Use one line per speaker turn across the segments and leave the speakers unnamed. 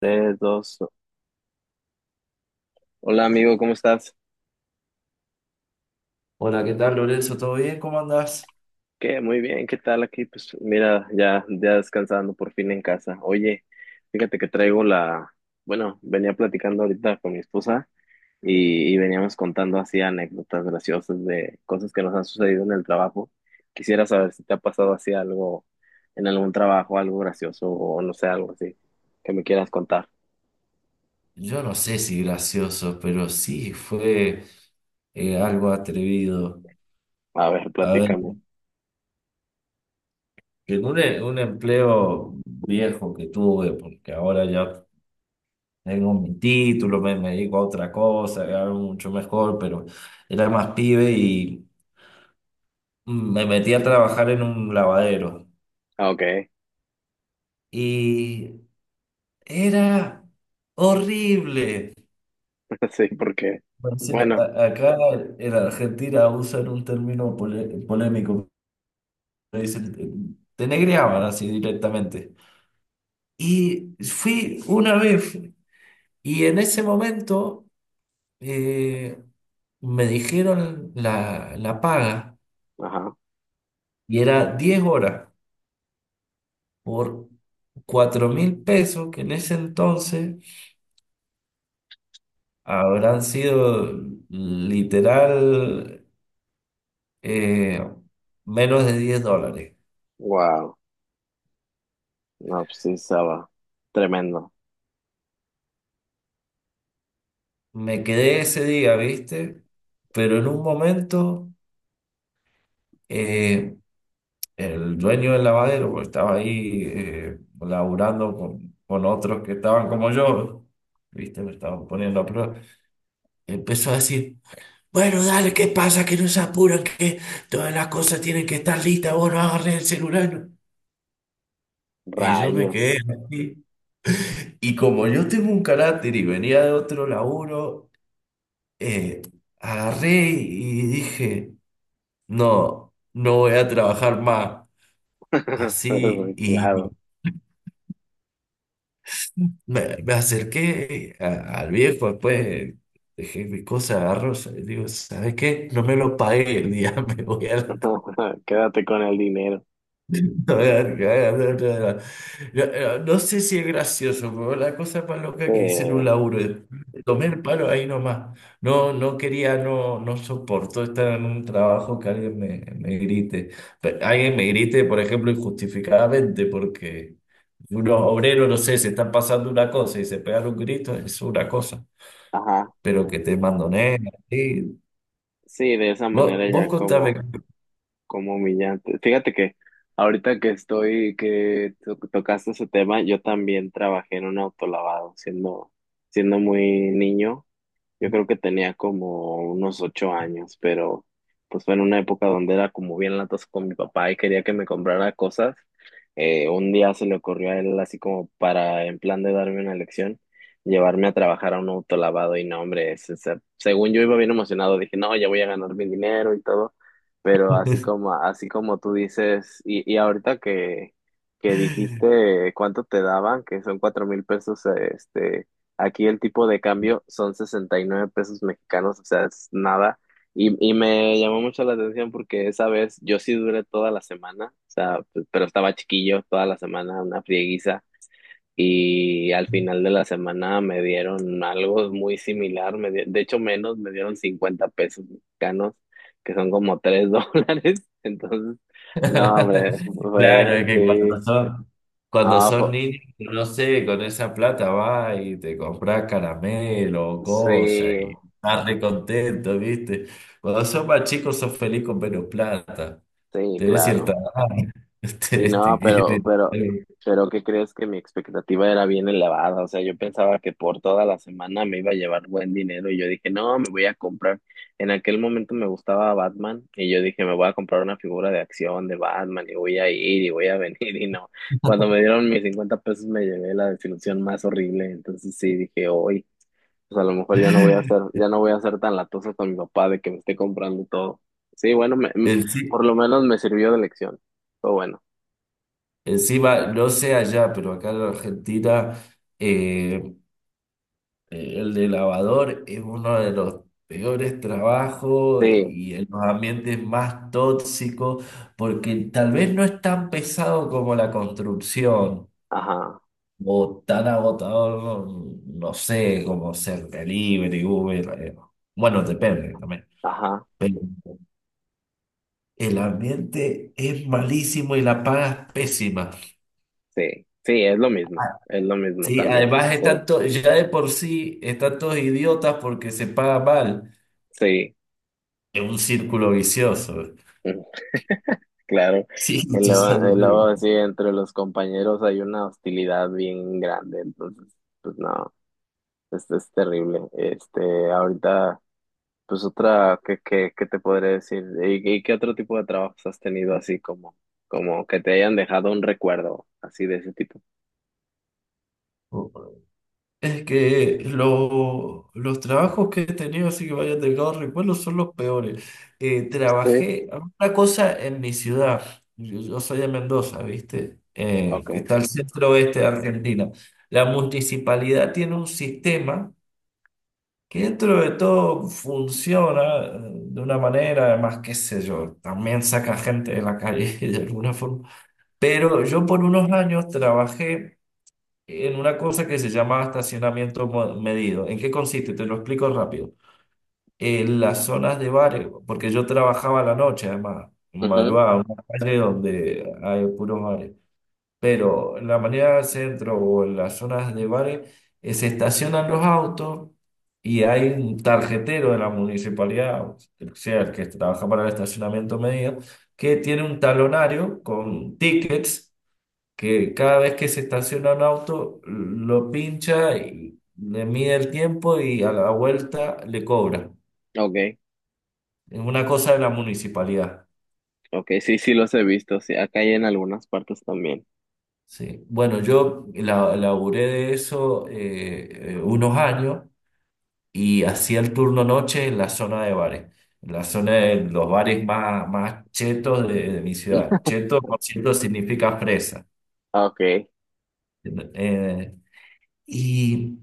Tres, dos. Hola amigo, ¿cómo estás?
Hola, ¿qué tal, Lorenzo? ¿Todo bien? ¿Cómo andás?
¿Qué? Muy bien, ¿qué tal aquí? Pues mira, ya, ya descansando por fin en casa. Oye, fíjate que traigo la, bueno, venía platicando ahorita con mi esposa y veníamos contando así anécdotas graciosas de cosas que nos han sucedido en el trabajo. Quisiera saber si te ha pasado así algo en algún trabajo, algo gracioso o no sé, algo así que me quieras contar.
Yo no sé si gracioso, pero sí fue algo atrevido.
A ver,
A ver,
platícame.
en un empleo viejo que tuve, porque ahora ya tengo mi título, me dedico a otra cosa, algo mucho mejor, pero era más pibe y me metí a trabajar en un lavadero.
Ah, ok.
Y era horrible.
Sí, porque,
Bueno, sí,
bueno,
a- acá en Argentina usan un término polémico, me dice, te negreaban así directamente. Y fui una vez, y en ese momento eh, me dijeron la paga,
ajá,
y era 10 horas por 4000 pesos, que en ese entonces habrán sido literal eh, menos de 10 dólares.
wow. No, pues sí, estaba tremendo.
Me quedé ese día, ¿viste? Pero en un momento eh, el dueño del lavadero pues, estaba ahí laburando con otros que estaban como yo, ¿viste? Me estaban poniendo a prueba. Empezó a decir, bueno, dale, ¿qué pasa? Que no se apuran, que todas las cosas tienen que estar listas, vos no agarrés el celular. No. Y yo me
Rayos.
quedé así. Y como yo tengo un carácter y venía de otro laburo, eh, agarré y dije, no, no voy a trabajar más. Así,
Pues,
y
claro.
me acerqué al viejo, después dejé mis cosas, agarro, digo, ¿sabes qué? No me lo pagué el día, me voy a la
Quédate con el dinero.
no, no sé si es gracioso, pero la cosa más loca que hice en un
Eh,
laburo, tomé el palo ahí nomás. No, no quería, no, no soporto estar en un trabajo que alguien me grite. Pe- Alguien me grite, por ejemplo, injustificadamente, porque unos obreros, no sé, se están pasando una cosa y se pegan un grito, es una cosa.
ajá.
Pero que te mandoneen, así.
Sí, de esa
Vos,
manera
vos
ya
contame.
como humillante. Fíjate que ahorita que estoy, que tocaste ese tema, yo también trabajé en un autolavado siendo muy niño. Yo creo que tenía como unos 8 años, pero pues fue en una época donde era como bien latas con mi papá y quería que me comprara cosas. Un día se le ocurrió a él así como para, en plan de darme una lección, llevarme a trabajar a un autolavado y no, hombre, según yo iba bien emocionado, dije, no, ya voy a ganar mi dinero y todo, pero así como tú dices, y ahorita que dijiste cuánto te daban, que son 4.000 pesos, aquí el tipo de cambio son 69 pesos mexicanos, o sea, es nada. Y me llamó mucho la atención porque esa vez yo sí duré toda la semana, o sea, pero estaba chiquillo toda la semana, una frieguiza. Y al final de la semana me dieron algo muy similar, de hecho menos, me dieron 50 pesos mexicanos, que son como 3 dólares. Entonces, no, hombre,
Claro,
fue,
es que
sí,
cuando
ah,
son niños, no sé, con esa plata va y te compras caramelo o cosas
sí,
y estás re contento, ¿viste? Cuando son más chicos sos feliz con menos plata.
sí,
Tenés cierta
claro.
edad.
Sí,
Te- te
no, pero,
quieren-
pero, pero, ¿qué crees que mi expectativa era bien elevada? O sea, yo pensaba que por toda la semana me iba a llevar buen dinero y yo dije, no, me voy a comprar. En aquel momento me gustaba Batman y yo dije, me voy a comprar una figura de acción de Batman y voy a ir y voy a venir y no. Cuando me dieron mis 50 pesos me llevé la desilusión más horrible. Entonces sí, dije, hoy, pues a lo mejor ya no voy a ser, ya no voy a ser tan latoso con mi papá de que me esté comprando todo. Sí, bueno,
Enci-
por lo menos me sirvió de lección. Todo bueno.
Encima, no sé allá, pero acá en Argentina. eh, El de lavador es uno de los peores trabajos
Sí,
y en los ambientes más tóxicos, porque tal vez no es tan pesado como la construcción
ajá,
o tan agotador, no, no sé, como ser delivery, Uber. Bueno, depende también.
ajá,
Pero el ambiente es malísimo y la paga es pésima.
sí, sí, es lo mismo
Sí,
también,
además
sí,
están to- ya de por sí están todos idiotas porque se paga mal.
sí,
Es un círculo vicioso.
mm, claro.
Sí,
Y
tu
luego, y
salud.
luego sí, entre los compañeros hay una hostilidad bien grande, entonces, pues no, esto es terrible. Ahorita, pues otra, ¿qué te podré decir? ¿Y qué otro tipo de trabajos has tenido así como que te hayan dejado un recuerdo así de ese tipo?
Es que lo- los trabajos que he tenido, así que vaya delgado recuerdo, son los peores.
Sí.
Trabajé una cosa en mi ciudad. Yo soy de Mendoza, ¿viste? Que
Okay.
está al centro oeste de Argentina. La municipalidad tiene un sistema que dentro de todo funciona de una manera, además, qué sé yo, también saca gente de la calle de alguna forma. Pero yo por unos años trabajé en una cosa que se llama estacionamiento medido. ¿En qué consiste? Te lo explico rápido. En las zonas de bares, porque yo trabajaba a la noche, además, en
Ujú,
madrugada, en una calle donde hay puros bares. Pero en la mañana del centro o en las zonas de bares, se estacionan los autos y hay un tarjetero de la municipalidad, o sea, el que trabaja para el estacionamiento medido, que tiene un talonario con tickets que cada vez que se estaciona un auto, lo pincha y le mide el tiempo y a la vuelta le cobra.
ok,
Es una cosa de la municipalidad.
ok, sí, sí los he visto, sí, acá hay en algunas partes también.
Sí. Bueno, laburé de eso unos años y hacía el turno noche en la zona de bares, en la zona de los bares más, más chetos de mi ciudad. Cheto, por cierto, significa fresa.
Ok,
Eh, y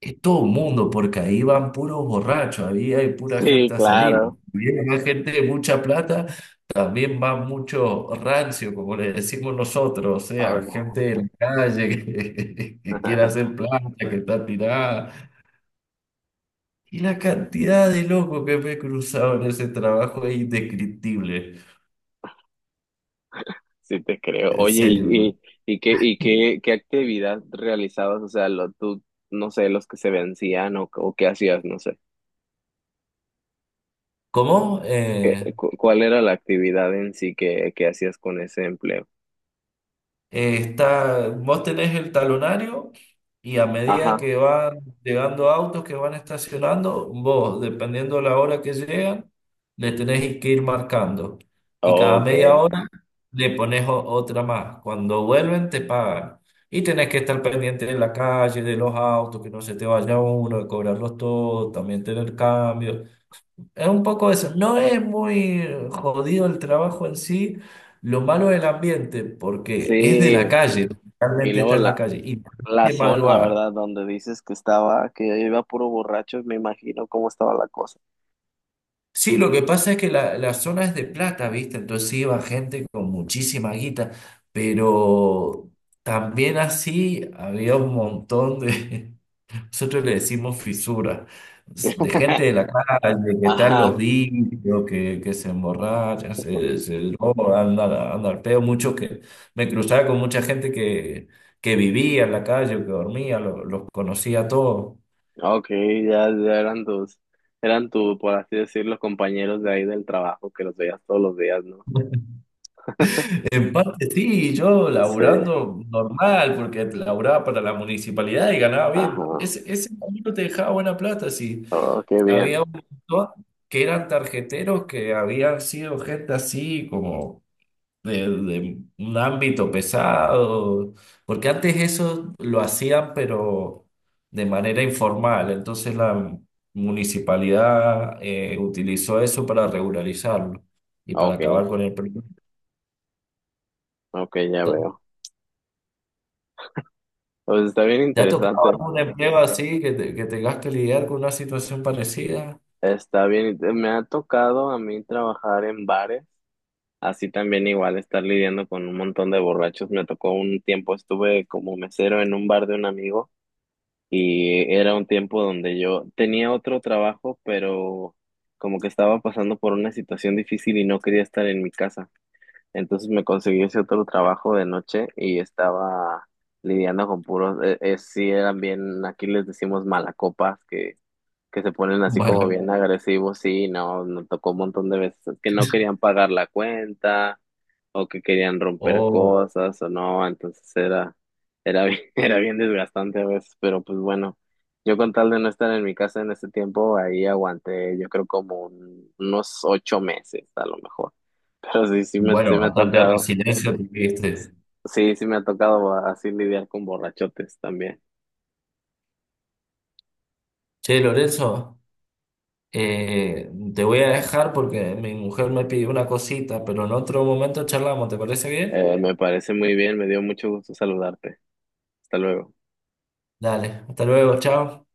es todo mundo, porque ahí van puros borrachos, ahí hay pura
sí,
gente a salir.
claro.
Viene más gente de mucha plata, también va mucho rancio, como le decimos nosotros, o sea, gente
Ok,
de la calle que, que quiere hacer plata, que está tirada. Y la cantidad de locos que me he cruzado en ese trabajo es indescriptible,
sí te creo.
en
Oye, ¿y,
serio.
y, y qué, y qué, qué actividad realizabas? O sea, tú, no sé, los que se vencían o qué hacías, no sé.
¿Cómo?
Cuál era la actividad en sí que hacías con ese empleo?
Está, vos tenés el talonario y a medida
Ajá,
que van llegando autos que van estacionando, vos, dependiendo de la hora que llegan, le tenés que ir marcando. Y cada
ok,
media hora le pones otra más. Cuando vuelven, te pagan. Y tenés que estar pendiente de la calle, de los autos, que no se te vaya uno, de cobrarlos todos, también tener cambios. Es un poco eso. No es muy jodido el trabajo en sí. Lo malo es el ambiente, porque es de la
sí.
calle,
Y
realmente
luego
está en la
la,
calle. Y
la
de
zona,
madrugada.
¿verdad? Donde dices que estaba, que iba puro borracho, me imagino cómo estaba la cosa.
Sí, lo que pasa es que la zona es de plata, ¿viste? Entonces iba gente con muchísima guita, pero también así había un montón de, nosotros le decimos fisura. De gente de la calle que están los
Ajá,
vicios, que se emborrachan, se drogan, andan anda al peo. Muchos que me cruzaba con mucha gente que vivía en la calle, que dormía, los conocía a todos.
ok, ya, ya eran tu, por así decirlo, los compañeros de ahí del trabajo que los veías todos los días, ¿no?
En parte sí, yo
Sí,
laburando normal, porque laburaba para la municipalidad y ganaba bien.
ajá,
Ese camino te dejaba buena plata, sí.
oh, qué bien,
Había un montón que eran tarjeteros que habían sido gente así como de un ámbito pesado, porque antes eso lo hacían, pero de manera informal, entonces la municipalidad utilizó eso para regularizarlo y para
ok,
acabar con el problema.
ok, ya
¿Te,
veo. Pues está bien
te ha tocado
interesante,
algún empleo así que, te- que tengas que lidiar con una situación parecida?
está bien, me ha tocado a mí trabajar en bares, así también igual estar lidiando con un montón de borrachos, me tocó un tiempo, estuve como mesero en un bar de un amigo. Y era un tiempo donde yo tenía otro trabajo, pero como que estaba pasando por una situación difícil y no quería estar en mi casa. Entonces me conseguí ese otro trabajo de noche y estaba lidiando con puros, sí eran bien, aquí les decimos malacopas, que, se ponen así como
Vale.
bien agresivos, sí, no, nos tocó un montón de veces que no querían pagar la cuenta o que querían romper
Oh,
cosas o no, entonces era bien, era bien desgastante a veces, pero pues bueno, yo con tal de no estar en mi casa en ese tiempo, ahí aguanté, yo creo como unos 8 meses a lo mejor, pero sí, sí
bueno,
me ha
bastante
tocado,
resiliencia tuviste.
sí, sí me ha tocado así lidiar con borrachotes también.
Che, Lorenzo. Te voy a dejar porque mi mujer me pidió una cosita, pero en otro momento charlamos, ¿te parece bien?
Me parece muy bien, me dio mucho gusto saludarte. Hasta luego.
Dale, hasta luego, chao.